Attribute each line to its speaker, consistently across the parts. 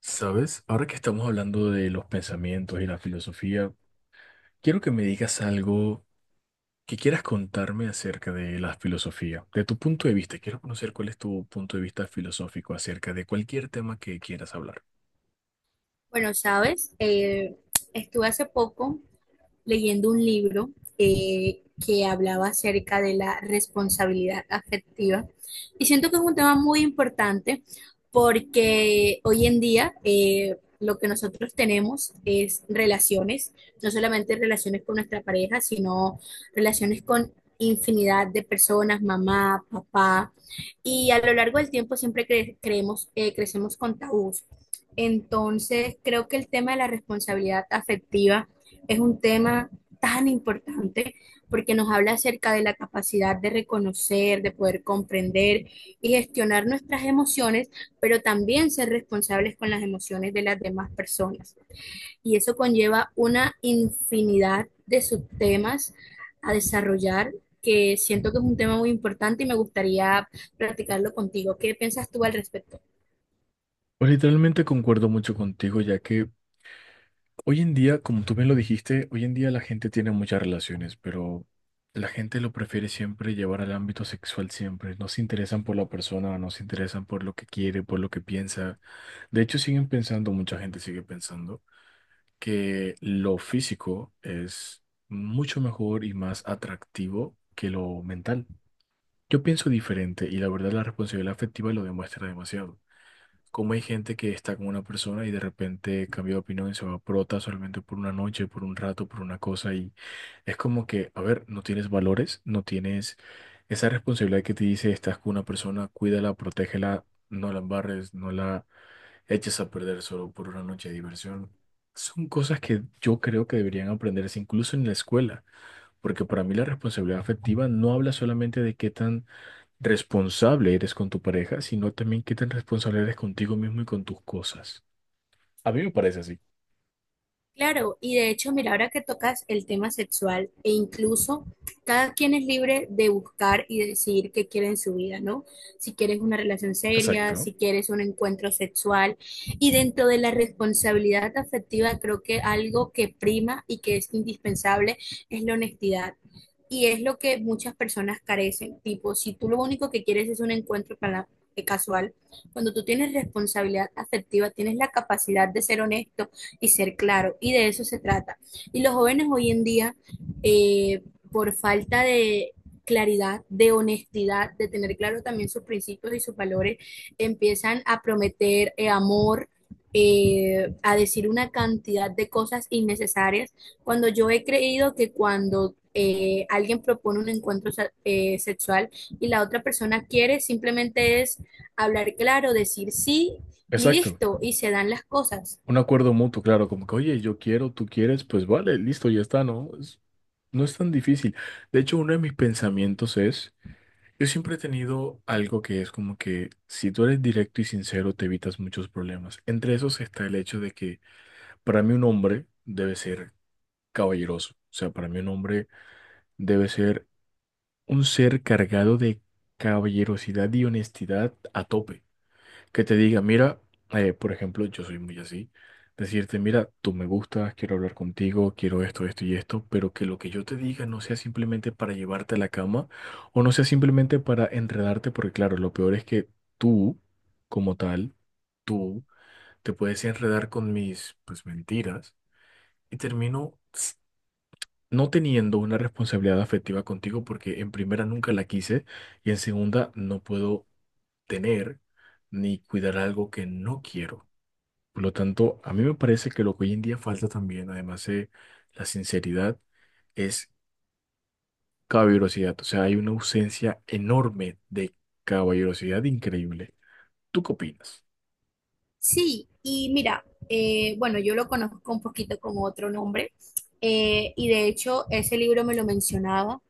Speaker 1: ¿Sabes? Ahora que estamos hablando de los pensamientos y la filosofía, quiero que me digas algo que quieras contarme acerca de la filosofía, de tu punto de vista. Quiero conocer cuál es tu punto de vista filosófico acerca de cualquier tema que quieras hablar.
Speaker 2: Bueno, sabes, estuve hace poco, leyendo un libro que hablaba acerca de la responsabilidad afectiva y siento que es un tema muy importante porque hoy en día lo que nosotros tenemos es relaciones, no solamente relaciones con nuestra pareja, sino relaciones con infinidad de personas, mamá, papá, y a lo largo del tiempo siempre creemos, crecemos con tabús. Entonces, creo que el tema de la responsabilidad afectiva es un tema tan importante porque nos habla acerca de la capacidad de reconocer, de poder comprender y gestionar nuestras emociones, pero también ser responsables con las emociones de las demás personas. Y eso conlleva una infinidad de subtemas a desarrollar que siento que es un tema muy importante y me gustaría platicarlo contigo. ¿Qué piensas tú al respecto?
Speaker 1: Pues literalmente concuerdo mucho contigo, ya que hoy en día, como tú bien lo dijiste, hoy en día la gente tiene muchas relaciones, pero la gente lo prefiere siempre llevar al ámbito sexual siempre. No se interesan por la persona, no se interesan por lo que quiere, por lo que piensa. De hecho, siguen pensando, mucha gente sigue pensando, que lo físico es mucho mejor y más atractivo que lo mental. Yo pienso diferente y la verdad la responsabilidad afectiva lo demuestra demasiado. Como hay gente que está con una persona y de repente cambia de opinión y se va por otra solamente por una noche, por un rato, por una cosa y es como que, a ver, no tienes valores, no tienes esa responsabilidad que te dice, estás con una persona, cuídala, protégela, no la embarres, no la eches a perder solo por una noche de diversión. Son cosas que yo creo que deberían aprenderse incluso en la escuela, porque para mí la responsabilidad afectiva no habla solamente de qué tan responsable eres con tu pareja, sino también qué tan responsable eres contigo mismo y con tus cosas. A mí me parece así.
Speaker 2: Claro, y de hecho, mira, ahora que tocas el tema sexual, e incluso cada quien es libre de buscar y decidir qué quiere en su vida, ¿no? Si quieres una relación seria,
Speaker 1: Exacto,
Speaker 2: si quieres un encuentro sexual. Y dentro de la responsabilidad afectiva, creo que algo que prima y que es indispensable es la honestidad. Y es lo que muchas personas carecen. Tipo, si tú lo único que quieres es un encuentro casual, cuando tú tienes responsabilidad afectiva, tienes la capacidad de ser honesto y ser claro. Y de eso se trata. Y los jóvenes hoy en día, eh, por falta de claridad, de honestidad, de tener claro también sus principios y sus valores, empiezan a prometer amor, a decir una cantidad de cosas innecesarias, cuando yo he creído que cuando alguien propone un encuentro sexual y la otra persona quiere, simplemente es hablar claro, decir sí y
Speaker 1: exacto.
Speaker 2: listo, y se dan las cosas.
Speaker 1: Un acuerdo mutuo, claro, como que, oye, yo quiero, tú quieres, pues vale, listo, ya está, ¿no? No es tan difícil. De hecho, uno de mis pensamientos es, yo siempre he tenido algo que es como que si tú eres directo y sincero, te evitas muchos problemas. Entre esos está el hecho de que para mí un hombre debe ser caballeroso. O sea, para mí un hombre debe ser un ser cargado de caballerosidad y honestidad a tope. Que te diga, mira, por ejemplo, yo soy muy así. Decirte, mira, tú me gustas, quiero hablar contigo, quiero esto, esto y esto, pero que lo que yo te diga no sea simplemente para llevarte a la cama o no sea simplemente para enredarte, porque claro, lo peor es que tú, como tal, tú te puedes enredar con mis, pues, mentiras y termino no teniendo una responsabilidad afectiva contigo, porque en primera nunca la quise y en segunda no puedo tener ni cuidar algo que no quiero. Por lo tanto, a mí me parece que lo que hoy en día falta también, además de la sinceridad, es caballerosidad. O sea, hay una ausencia enorme de caballerosidad increíble. ¿Tú qué opinas?
Speaker 2: Sí, y mira, bueno, yo lo conozco un poquito con otro nombre, y de hecho ese libro me lo mencionaba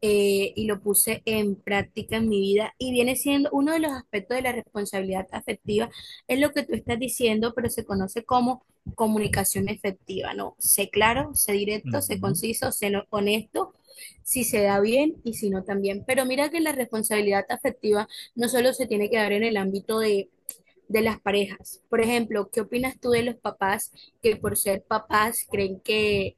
Speaker 2: eh, y lo puse en práctica en mi vida, y viene siendo uno de los aspectos de la responsabilidad afectiva, es lo que tú estás diciendo, pero se conoce como comunicación efectiva, ¿no? Sé claro, sé directo, sé conciso, sé honesto. Si se da bien y si no también. Pero mira que la responsabilidad afectiva no solo se tiene que dar en el ámbito de las parejas. Por ejemplo, ¿qué opinas tú de los papás que por ser papás creen que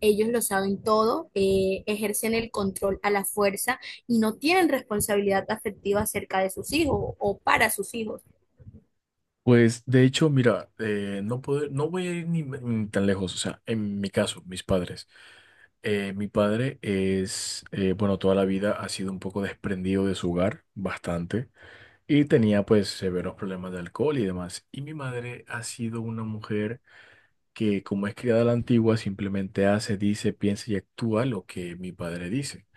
Speaker 2: ellos lo saben todo, ejercen el control a la fuerza y no tienen responsabilidad afectiva acerca de sus hijos o para sus hijos?
Speaker 1: Pues de hecho, mira, no puedo, no voy a ir ni tan lejos, o sea, en mi caso, mis padres. Mi padre es, bueno, toda la vida ha sido un poco desprendido de su hogar, bastante, y tenía pues severos problemas de alcohol y demás. Y mi madre ha sido una mujer que, como es criada a la antigua, simplemente hace, dice, piensa y actúa lo que mi padre dice.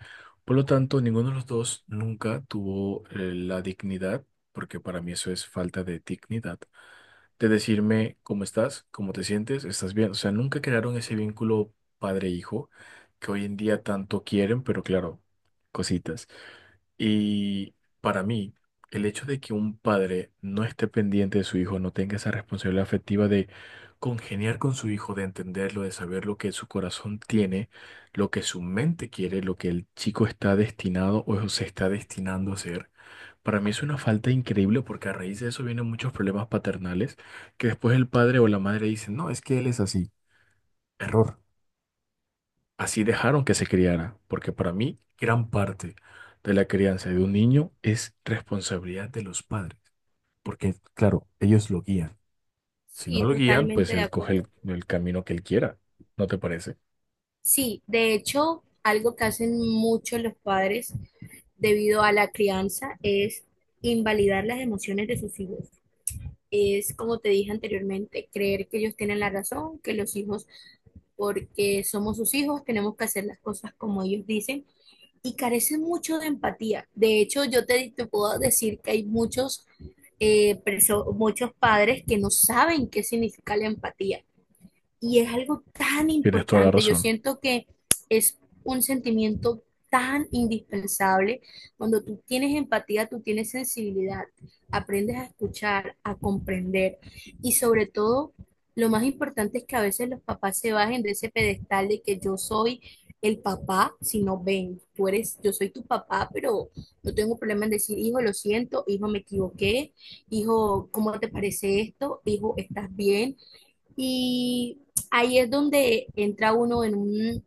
Speaker 1: Por lo tanto, ninguno de los dos nunca tuvo, la dignidad, porque para mí eso es falta de dignidad de decirme cómo estás, cómo te sientes, estás bien. O sea, nunca crearon ese vínculo padre-hijo que hoy en día tanto quieren, pero claro, cositas. Y para mí, el hecho de que un padre no esté pendiente de su hijo, no tenga esa responsabilidad afectiva de congeniar con su hijo, de entenderlo, de saber lo que su corazón tiene, lo que su mente quiere, lo que el chico está destinado o se está destinando a ser para mí es una falta increíble porque a raíz de eso vienen muchos problemas paternales que después el padre o la madre dicen, no, es que él es así. Error. Así dejaron que se criara, porque para mí gran parte de la crianza de un niño es responsabilidad de los padres, porque claro, ellos lo guían. Si no
Speaker 2: Sí,
Speaker 1: lo guían, pues
Speaker 2: totalmente de
Speaker 1: él coge el,
Speaker 2: acuerdo.
Speaker 1: el camino que él quiera. ¿No te parece?
Speaker 2: Sí, de hecho, algo que hacen mucho los padres debido a la crianza es invalidar las emociones de sus hijos. Es, como te dije anteriormente, creer que ellos tienen la razón, que los hijos, porque somos sus hijos, tenemos que hacer las cosas como ellos dicen y carecen mucho de empatía. De hecho, te puedo decir que hay muchos, muchos padres que no saben qué significa la empatía y es algo tan
Speaker 1: Tienes toda la
Speaker 2: importante. Yo
Speaker 1: razón.
Speaker 2: siento que es un sentimiento tan indispensable. Cuando tú tienes empatía, tú tienes sensibilidad, aprendes a escuchar, a comprender y sobre todo, lo más importante es que a veces los papás se bajen de ese pedestal de que yo soy el papá, si no ven, tú eres, yo soy tu papá, pero no tengo problema en decir, hijo, lo siento, hijo, me equivoqué, hijo, ¿cómo te parece esto? Hijo, ¿estás bien? Y ahí es donde entra uno en un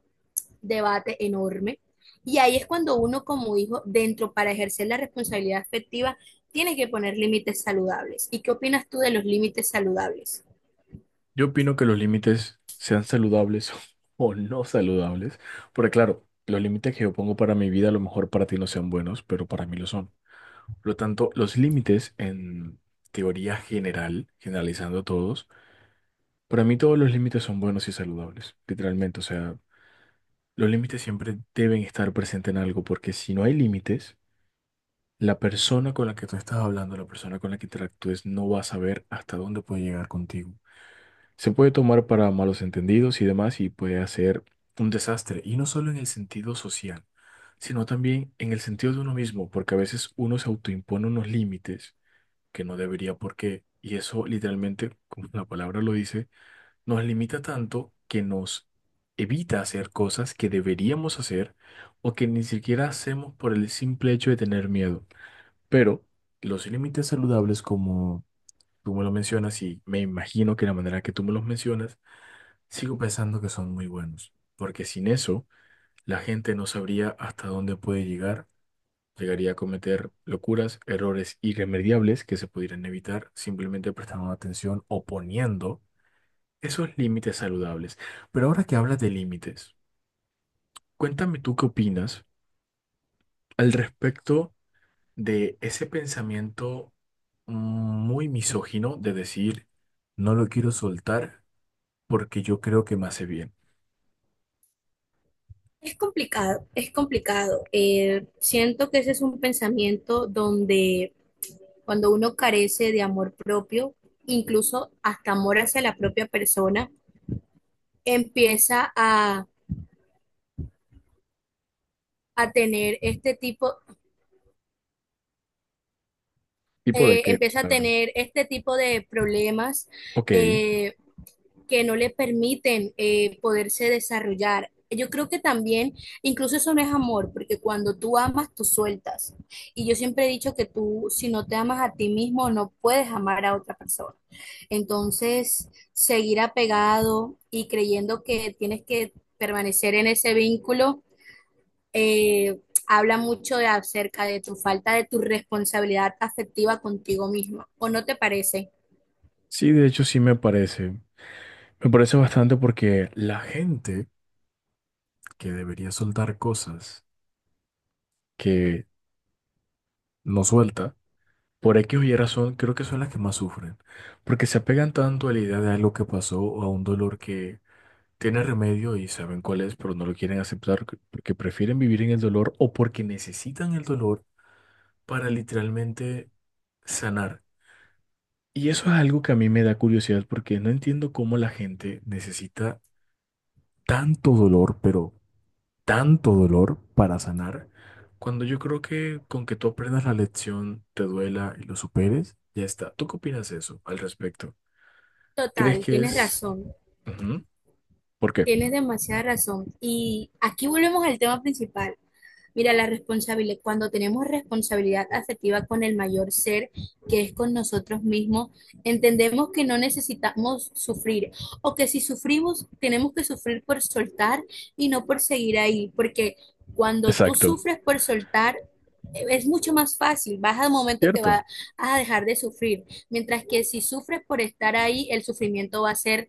Speaker 2: debate enorme. Y ahí es cuando uno como hijo, dentro para ejercer la responsabilidad afectiva, tiene que poner límites saludables. ¿Y qué opinas tú de los límites saludables?
Speaker 1: Yo opino que los límites sean saludables o no saludables, porque claro, los límites que yo pongo para mi vida a lo mejor para ti no sean buenos, pero para mí lo son. Por lo tanto, los límites en teoría general, generalizando todos, para mí todos los límites son buenos y saludables, literalmente. O sea, los límites siempre deben estar presentes en algo, porque si no hay límites, la persona con la que tú estás hablando, la persona con la que interactúes, no va a saber hasta dónde puede llegar contigo. Se puede tomar para malos entendidos y demás y puede hacer un desastre. Y no solo en el sentido social, sino también en el sentido de uno mismo, porque a veces uno se autoimpone unos límites que no debería por qué. Y eso literalmente, como la palabra lo dice, nos limita tanto que nos evita hacer cosas que deberíamos hacer o que ni siquiera hacemos por el simple hecho de tener miedo. Pero los límites saludables, como tú me lo mencionas y me imagino que la manera que tú me los mencionas, sigo pensando que son muy buenos, porque sin eso la gente no sabría hasta dónde puede llegar, llegaría a cometer locuras, errores irremediables que se pudieran evitar simplemente prestando atención o poniendo esos límites saludables. Pero ahora que hablas de límites, cuéntame tú qué opinas al respecto de ese pensamiento muy misógino de decir, no lo quiero soltar porque yo creo que me hace bien.
Speaker 2: Es complicado, es complicado. Siento que ese es un pensamiento donde cuando uno carece de amor propio, incluso hasta amor hacia la propia persona, empieza a tener este tipo…
Speaker 1: ¿Tipo de qué? O
Speaker 2: empieza a
Speaker 1: sea,
Speaker 2: tener este tipo de problemas
Speaker 1: ok.
Speaker 2: eh, que no le permiten poderse desarrollar. Yo creo que también, incluso eso no es amor, porque cuando tú amas, tú sueltas. Y yo siempre he dicho que tú, si no te amas a ti mismo, no puedes amar a otra persona. Entonces, seguir apegado y creyendo que tienes que permanecer en ese vínculo eh, habla mucho de acerca de tu falta de tu responsabilidad afectiva contigo misma, ¿o no te parece?
Speaker 1: Sí, de hecho sí me parece. Me parece bastante porque la gente que debería soltar cosas que no suelta, por X o Y razón, creo que son las que más sufren. Porque se apegan tanto a la idea de algo que pasó o a un dolor que tiene remedio y saben cuál es, pero no lo quieren aceptar porque prefieren vivir en el dolor o porque necesitan el dolor para literalmente sanar. Y eso es algo que a mí me da curiosidad porque no entiendo cómo la gente necesita tanto dolor, pero tanto dolor para sanar, cuando yo creo que con que tú aprendas la lección, te duela y lo superes, ya está. ¿Tú qué opinas de eso al respecto? ¿Crees
Speaker 2: Total,
Speaker 1: que
Speaker 2: tienes
Speaker 1: es...
Speaker 2: razón,
Speaker 1: Ujú. ¿Por qué?
Speaker 2: tienes demasiada razón. Y aquí volvemos al tema principal. Mira, la responsabilidad, cuando tenemos responsabilidad afectiva con el mayor ser, que es con nosotros mismos, entendemos que no necesitamos sufrir o que si sufrimos, tenemos que sufrir por soltar y no por seguir ahí, porque cuando tú
Speaker 1: Exacto.
Speaker 2: sufres por soltar, es mucho más fácil, vas al momento que
Speaker 1: Cierto.
Speaker 2: vas a dejar de sufrir, mientras que si sufres por estar ahí, el sufrimiento va a ser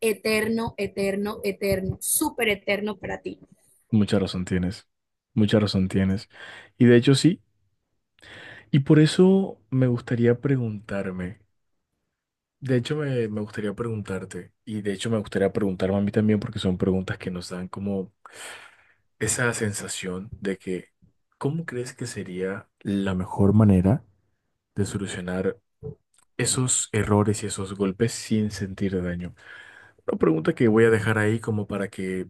Speaker 2: eterno, eterno, eterno, súper eterno para ti.
Speaker 1: Mucha razón tienes. Mucha razón tienes. Y de hecho sí. Y por eso me gustaría preguntarme. De hecho me gustaría preguntarte. Y de hecho me gustaría preguntarme a mí también porque son preguntas que nos dan como esa sensación de que, ¿cómo crees que sería la mejor manera de solucionar esos errores y esos golpes sin sentir daño? Una pregunta que voy a dejar ahí como para que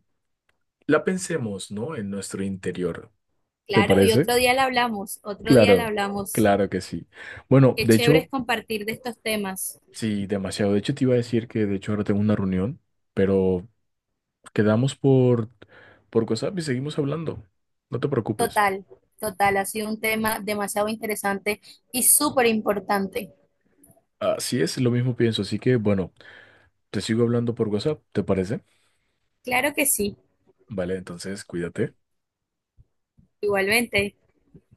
Speaker 1: la pensemos, ¿no? En nuestro interior. ¿Te
Speaker 2: Claro, y
Speaker 1: parece?
Speaker 2: otro día la hablamos, otro día
Speaker 1: Claro,
Speaker 2: la hablamos.
Speaker 1: claro que sí. Bueno,
Speaker 2: Qué
Speaker 1: de
Speaker 2: chévere es
Speaker 1: hecho,
Speaker 2: compartir de estos temas.
Speaker 1: sí, demasiado. De hecho, te iba a decir que de hecho ahora tengo una reunión, pero quedamos por WhatsApp y seguimos hablando. No te preocupes.
Speaker 2: Total, total, ha sido un tema demasiado interesante y súper importante.
Speaker 1: Así es, lo mismo pienso. Así que, bueno. Te sigo hablando por WhatsApp, ¿te parece?
Speaker 2: Claro que sí,
Speaker 1: Vale, entonces cuídate.
Speaker 2: igualmente.